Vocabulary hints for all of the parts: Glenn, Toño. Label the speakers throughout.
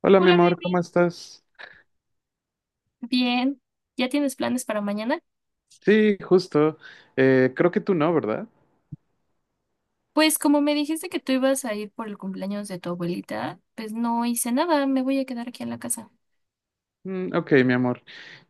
Speaker 1: Hola, mi
Speaker 2: Hola,
Speaker 1: amor,
Speaker 2: baby.
Speaker 1: ¿cómo estás?
Speaker 2: Bien. ¿Ya tienes planes para mañana?
Speaker 1: Sí, justo. Creo que tú no, ¿verdad?
Speaker 2: Pues como me dijiste que tú ibas a ir por el cumpleaños de tu abuelita, pues no hice nada, me voy a quedar aquí en la casa.
Speaker 1: Mm, ok, mi amor.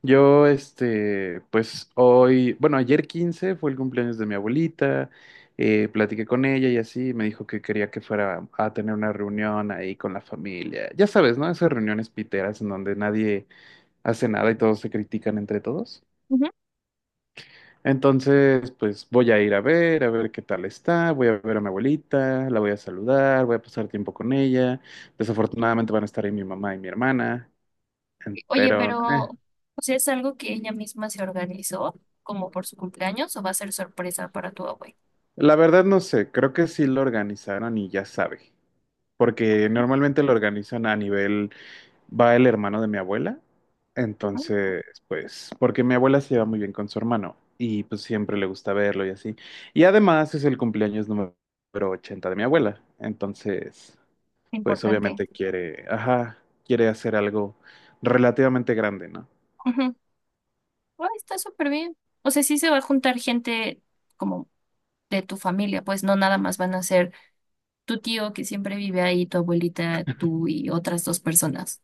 Speaker 1: Yo, este, pues hoy, bueno, ayer 15 fue el cumpleaños de mi abuelita, platiqué con ella y así, me dijo que quería que fuera a tener una reunión ahí con la familia. Ya sabes, ¿no? Esas reuniones piteras en donde nadie hace nada y todos se critican entre todos.
Speaker 2: Ujú.
Speaker 1: Entonces, pues voy a ir a ver qué tal está, voy a ver a mi abuelita, la voy a saludar, voy a pasar tiempo con ella. Desafortunadamente van a estar ahí mi mamá y mi hermana,
Speaker 2: Oye,
Speaker 1: pero
Speaker 2: pero pues, ¿es algo que ella misma se organizó como por su cumpleaños o va a ser sorpresa para tu abuela?
Speaker 1: la verdad no sé, creo que sí lo organizaron y ya sabe, porque normalmente lo organizan a nivel, va el hermano de mi abuela,
Speaker 2: Ah.
Speaker 1: entonces, pues, porque mi abuela se lleva muy bien con su hermano y pues siempre le gusta verlo y así. Y además es el cumpleaños número 80 de mi abuela, entonces, pues
Speaker 2: Importante.
Speaker 1: obviamente quiere, ajá, quiere hacer algo relativamente grande, ¿no?
Speaker 2: Ujú. Ah, está súper bien. O sea, sí se va a juntar gente como de tu familia, pues no nada más van a ser tu tío que siempre vive ahí, tu abuelita, tú y otras dos personas.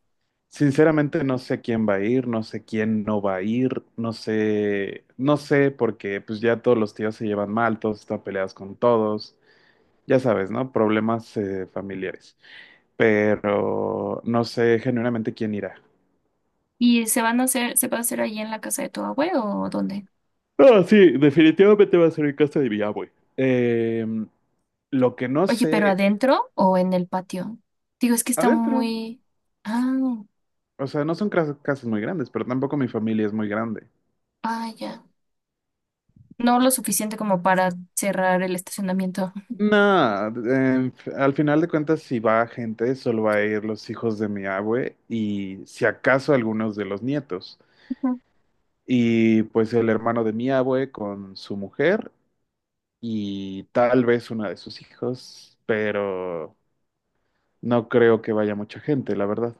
Speaker 1: Sinceramente no sé quién va a ir, no sé quién no va a ir, no sé, no sé porque pues ya todos los tíos se llevan mal, todos están peleados con todos, ya sabes, ¿no? Problemas familiares, pero no sé genuinamente quién irá.
Speaker 2: ¿Y se va a hacer ahí en la casa de tu abuelo o dónde?
Speaker 1: No, sí, definitivamente va a ser en casa de mi abue. Lo que no
Speaker 2: Oye, ¿pero
Speaker 1: sé,
Speaker 2: adentro o en el patio? Digo, es que está
Speaker 1: adentro,
Speaker 2: muy... Ah.
Speaker 1: o sea, no son casas muy grandes, pero tampoco mi familia es muy grande.
Speaker 2: Ya. No lo suficiente como para cerrar el estacionamiento.
Speaker 1: No, al final de cuentas, si va gente, solo va a ir los hijos de mi abue y si acaso algunos de los nietos. Y pues el hermano de mi abue con su mujer y tal vez una de sus hijos, pero no creo que vaya mucha gente, la verdad.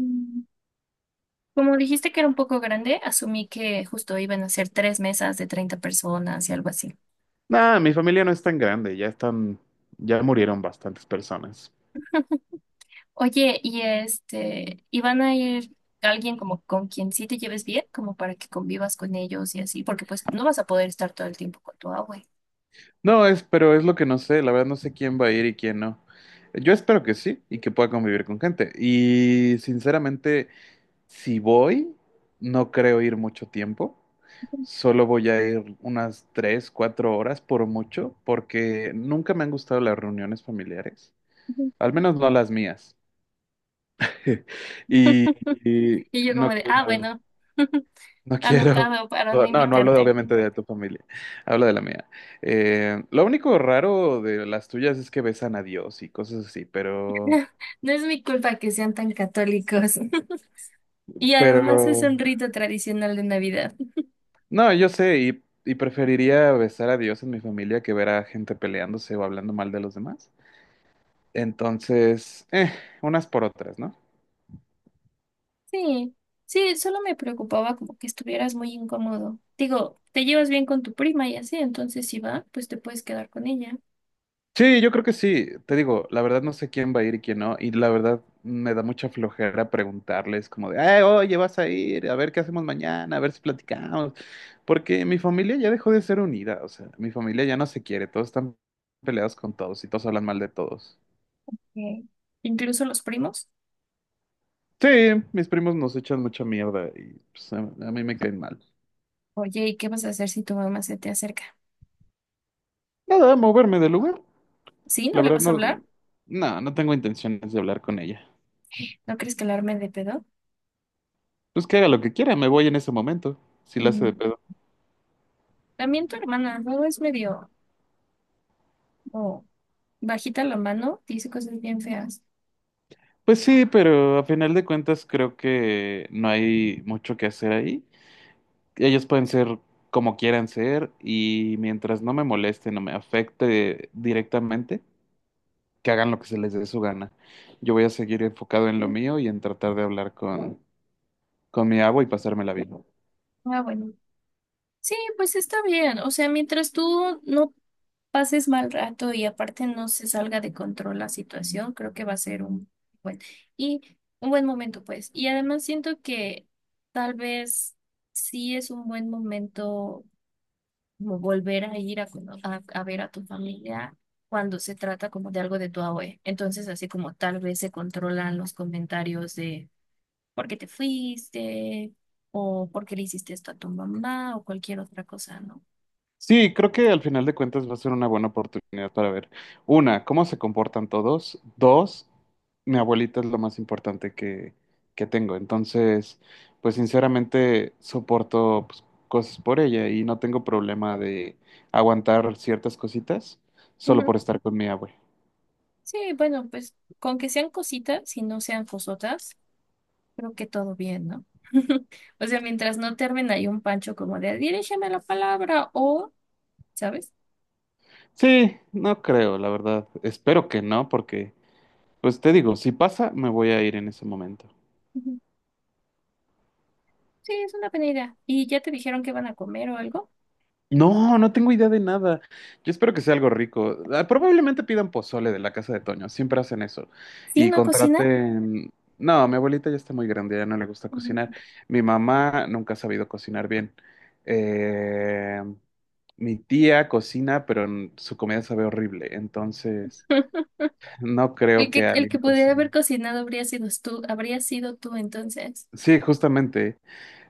Speaker 2: Mm. Como dijiste que era un poco grande, asumí que justo iban a ser tres mesas de 30 personas y algo así.
Speaker 1: Nada, mi familia no es tan grande, ya están, ya murieron bastantes personas.
Speaker 2: Oye, y ¿iban a ir alguien como con quien sí te lleves bien, como para que convivas con ellos y así? Porque pues no vas a poder estar todo el tiempo con tu abue.
Speaker 1: No, es, pero es lo que no sé, la verdad no sé quién va a ir y quién no. Yo espero que sí y que pueda convivir con gente. Y sinceramente, si voy, no creo ir mucho tiempo. Solo voy a ir unas 3, 4 horas por mucho, porque nunca me han gustado las reuniones familiares,
Speaker 2: Ujú.
Speaker 1: al menos no las mías. Y, y
Speaker 2: Y yo como
Speaker 1: no
Speaker 2: de,
Speaker 1: creo.
Speaker 2: bueno,
Speaker 1: No quiero.
Speaker 2: anotado para no
Speaker 1: No, no
Speaker 2: invitarte.
Speaker 1: obviamente de tu familia, hablo de la mía. Lo único raro de las tuyas es que besan a Dios y cosas así, pero,
Speaker 2: No es mi culpa que sean tan católicos. Y además es
Speaker 1: pero,
Speaker 2: un rito tradicional de Navidad.
Speaker 1: no, yo sé y preferiría besar a Dios en mi familia que ver a gente peleándose o hablando mal de los demás. Entonces, unas por otras, ¿no?
Speaker 2: Sí, sí, solo me preocupaba como que estuvieras muy incómodo. Digo, te llevas bien con tu prima y así, entonces si va, pues te puedes quedar con ella.
Speaker 1: Sí, yo creo que sí. Te digo, la verdad no sé quién va a ir y quién no. Y la verdad me da mucha flojera preguntarles como de, "Ay, oye, vas a ir, a ver qué hacemos mañana, a ver si platicamos. Porque mi familia ya dejó de ser unida. O sea, mi familia ya no se quiere. Todos están peleados con todos y todos hablan mal de todos.
Speaker 2: Ok. Incluso los primos.
Speaker 1: Sí, mis primos nos echan mucha mierda y pues, a mí me caen mal.
Speaker 2: Oye, ¿y qué vas a hacer si tu mamá se te acerca?
Speaker 1: Nada, moverme del lugar.
Speaker 2: ¿Sí? ¿No
Speaker 1: La
Speaker 2: le
Speaker 1: verdad
Speaker 2: vas a
Speaker 1: no,
Speaker 2: hablar?
Speaker 1: no, no tengo intenciones de hablar con ella.
Speaker 2: ¿No crees que la arme de pedo?
Speaker 1: Pues que haga lo que quiera, me voy en ese momento, si la hace de
Speaker 2: Mm.
Speaker 1: pedo.
Speaker 2: También tu hermana, luego es medio como bajita la mano, dice cosas bien feas.
Speaker 1: Pues sí, pero a final de cuentas creo que no hay mucho que hacer ahí. Ellos pueden ser como quieran ser y mientras no me moleste, no me afecte directamente, que hagan lo que se les dé su gana. Yo voy a seguir enfocado en lo mío y en tratar de hablar con, mi agua y pasármela bien.
Speaker 2: Ah, bueno. Sí, pues está bien. O sea, mientras tú no pases mal rato y aparte no se salga de control la situación, creo que va a ser un buen y un buen momento, pues. Y además siento que tal vez sí es un buen momento como volver a ir a, a ver a tu familia cuando se trata como de algo de tu abue. Entonces, así como tal vez se controlan los comentarios de por qué te fuiste o por qué le hiciste esto a tu mamá o cualquier otra cosa, ¿no?
Speaker 1: Sí, creo que al final de cuentas va a ser una buena oportunidad para ver, una, cómo se comportan todos, dos, mi abuelita es lo más importante que tengo, entonces, pues sinceramente soporto pues, cosas por ella y no tengo problema de aguantar ciertas cositas solo
Speaker 2: Ujú.
Speaker 1: por estar con mi abue.
Speaker 2: Sí, bueno, pues con que sean cositas y no sean cosotas, creo que todo bien, ¿no? O sea, mientras no termine ahí un pancho como de dirígeme la palabra o, ¿sabes?
Speaker 1: Sí, no creo, la verdad, espero que no, porque, pues te digo, si pasa, me voy a ir en ese momento.
Speaker 2: Ujú. Sí, es una buena idea. ¿Y ya te dijeron que van a comer o algo?
Speaker 1: No, no tengo idea de nada. Yo espero que sea algo rico. Ah, probablemente pidan pozole de la casa de Toño, siempre hacen eso.
Speaker 2: ¿Sí,
Speaker 1: Y
Speaker 2: no cocinan?
Speaker 1: contraten. No, mi abuelita ya está muy grande, ya no le gusta
Speaker 2: Ujú.
Speaker 1: cocinar. Mi mamá nunca ha sabido cocinar bien. Eh, Mi tía cocina, pero su comida sabe horrible, entonces no creo que
Speaker 2: El
Speaker 1: alguien
Speaker 2: que pudiera haber
Speaker 1: cocine.
Speaker 2: cocinado habría sido tú entonces.
Speaker 1: Sí, justamente.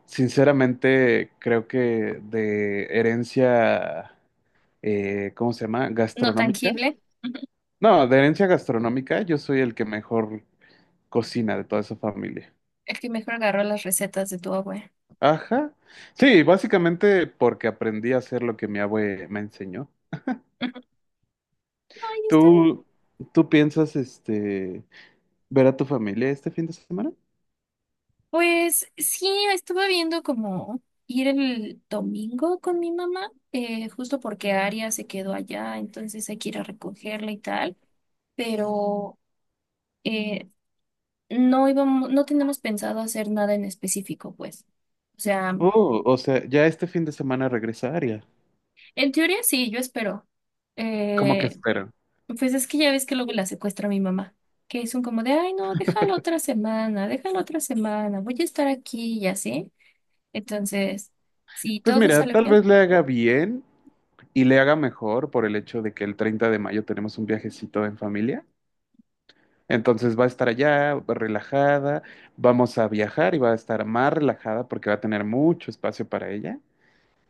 Speaker 1: Sinceramente, creo que de herencia, ¿cómo se llama?
Speaker 2: No
Speaker 1: Gastronómica.
Speaker 2: tangible. Ujú.
Speaker 1: No, de herencia gastronómica, yo soy el que mejor cocina de toda esa familia.
Speaker 2: El que mejor agarró las recetas de tu abuela.
Speaker 1: Ajá. Sí, básicamente porque aprendí a hacer lo que mi abue me enseñó.
Speaker 2: Ujú. Ay, está bien.
Speaker 1: ¿Tú, tú piensas, este, ver a tu familia este fin de semana?
Speaker 2: Pues sí, estuve viendo como ir el domingo con mi mamá, justo porque Aria se quedó allá, entonces hay que ir a recogerla y tal, pero eh, no tenemos pensado hacer nada en específico, pues. O sea,
Speaker 1: Oh, o sea, ya este fin de semana regresaría.
Speaker 2: en teoría sí, yo espero.
Speaker 1: ¿Cómo que
Speaker 2: Eh,
Speaker 1: esperan?
Speaker 2: pues es que ya ves que luego la secuestra mi mamá, que son como de, ay, no, déjalo otra semana, voy a estar aquí y así. Entonces, si
Speaker 1: Pues
Speaker 2: todo
Speaker 1: mira,
Speaker 2: sale
Speaker 1: tal vez
Speaker 2: bien.
Speaker 1: le haga bien y le haga mejor por el hecho de que el 30 de mayo tenemos un viajecito en familia. Entonces va a estar allá relajada, vamos a viajar y va a estar más relajada porque va a tener mucho espacio para ella.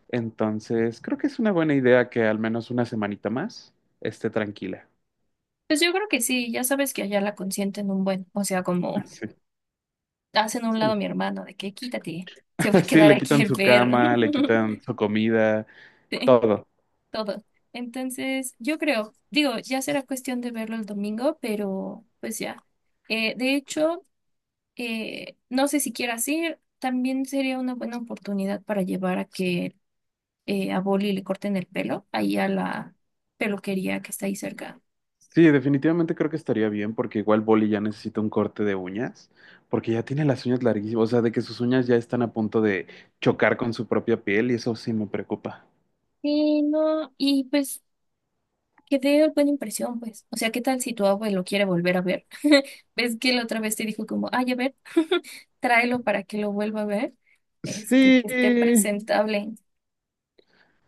Speaker 1: Entonces creo que es una buena idea que al menos una semanita más esté tranquila.
Speaker 2: Pues yo creo que sí, ya sabes que allá la consienten un buen, o sea, como
Speaker 1: Sí.
Speaker 2: hacen a un lado a mi hermano, de que quítate, se va a
Speaker 1: Sí,
Speaker 2: quedar
Speaker 1: le
Speaker 2: aquí
Speaker 1: quitan
Speaker 2: el
Speaker 1: su
Speaker 2: perro,
Speaker 1: cama, le quitan su comida,
Speaker 2: sí,
Speaker 1: todo.
Speaker 2: todo. Entonces, yo creo, digo, ya será cuestión de verlo el domingo, pero pues ya. De hecho, no sé si quieras ir, también sería una buena oportunidad para llevar a que a Boli le corten el pelo, ahí a la peluquería que está ahí cerca.
Speaker 1: Sí, definitivamente creo que estaría bien porque igual Boli ya necesita un corte de uñas, porque ya tiene las uñas larguísimas, o sea, de que sus uñas ya están a punto de chocar con su propia piel y eso sí me preocupa.
Speaker 2: Sí no, y pues que te dio buena impresión, pues. O sea, ¿qué tal si tu abuelo quiere volver a ver? ¿Ves que la otra vez te dijo como, ay, a ver, tráelo para que lo vuelva a ver? Este,
Speaker 1: Sí,
Speaker 2: que esté presentable.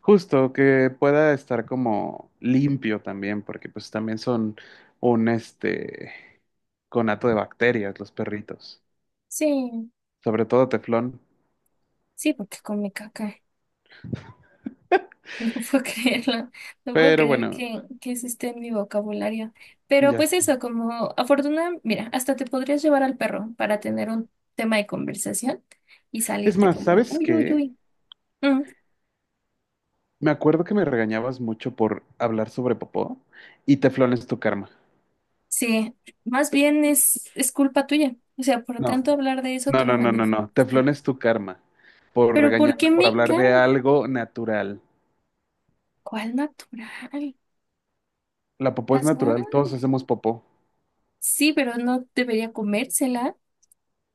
Speaker 1: justo, que pueda estar como limpio también, porque pues también son un este conato de bacterias los perritos,
Speaker 2: Sí,
Speaker 1: sobre todo Teflón.
Speaker 2: sí, porque con mi caca. No puedo creerlo. No puedo
Speaker 1: Pero
Speaker 2: creer
Speaker 1: bueno,
Speaker 2: que eso esté en mi vocabulario. Pero
Speaker 1: ya
Speaker 2: pues
Speaker 1: sé.
Speaker 2: eso, como afortunadamente, mira, hasta te podrías llevar al perro para tener un tema de conversación y
Speaker 1: Es
Speaker 2: salirte
Speaker 1: más,
Speaker 2: como de,
Speaker 1: ¿sabes
Speaker 2: uy, uy,
Speaker 1: qué?
Speaker 2: uy.
Speaker 1: Me acuerdo que me regañabas mucho por hablar sobre popó y Teflón es tu karma.
Speaker 2: Sí, más bien es, culpa tuya. O sea, por
Speaker 1: No,
Speaker 2: tanto hablar de eso, tú
Speaker 1: no,
Speaker 2: lo
Speaker 1: no, no, no, no.
Speaker 2: manifestaste.
Speaker 1: Teflón es tu karma por
Speaker 2: Pero ¿por
Speaker 1: regañarme
Speaker 2: qué
Speaker 1: por
Speaker 2: mi
Speaker 1: hablar de
Speaker 2: carne?
Speaker 1: algo natural.
Speaker 2: ¿Cuál natural?
Speaker 1: La popó es
Speaker 2: ¿Estás mal?
Speaker 1: natural, todos hacemos popó.
Speaker 2: Sí, pero no debería comérsela.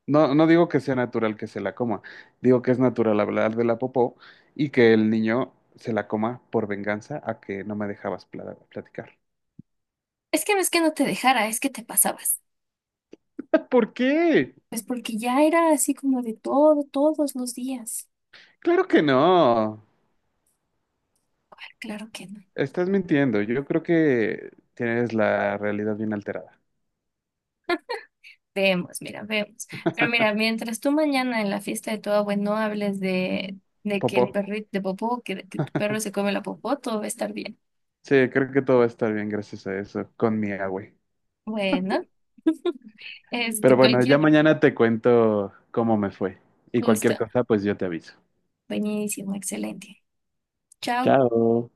Speaker 1: No, no digo que sea natural que se la coma, digo que es natural hablar de la popó y que el niño se la coma por venganza a que no me dejabas platicar.
Speaker 2: Es que no te dejara, es que te pasabas.
Speaker 1: ¿Por qué?
Speaker 2: Pues porque ya era así como todos los días.
Speaker 1: Claro que no.
Speaker 2: Ah. Claro que no.
Speaker 1: Estás mintiendo. Yo creo que tienes la realidad bien alterada.
Speaker 2: Vemos, mira, vemos. Pero mira, mientras tú mañana en la fiesta de tu abuelo no hables de que el
Speaker 1: Popó.
Speaker 2: perrito de popó, que tu perro se come la popó, todo va a estar bien.
Speaker 1: Sí, creo que todo va a estar bien gracias a eso con mi agüe.
Speaker 2: Bueno.
Speaker 1: Pero
Speaker 2: Este,
Speaker 1: bueno, ya
Speaker 2: cualquier
Speaker 1: mañana te cuento cómo me fue y cualquier
Speaker 2: gusto.
Speaker 1: cosa, pues yo te aviso.
Speaker 2: Buenísimo, excelente. Chao.
Speaker 1: Chao.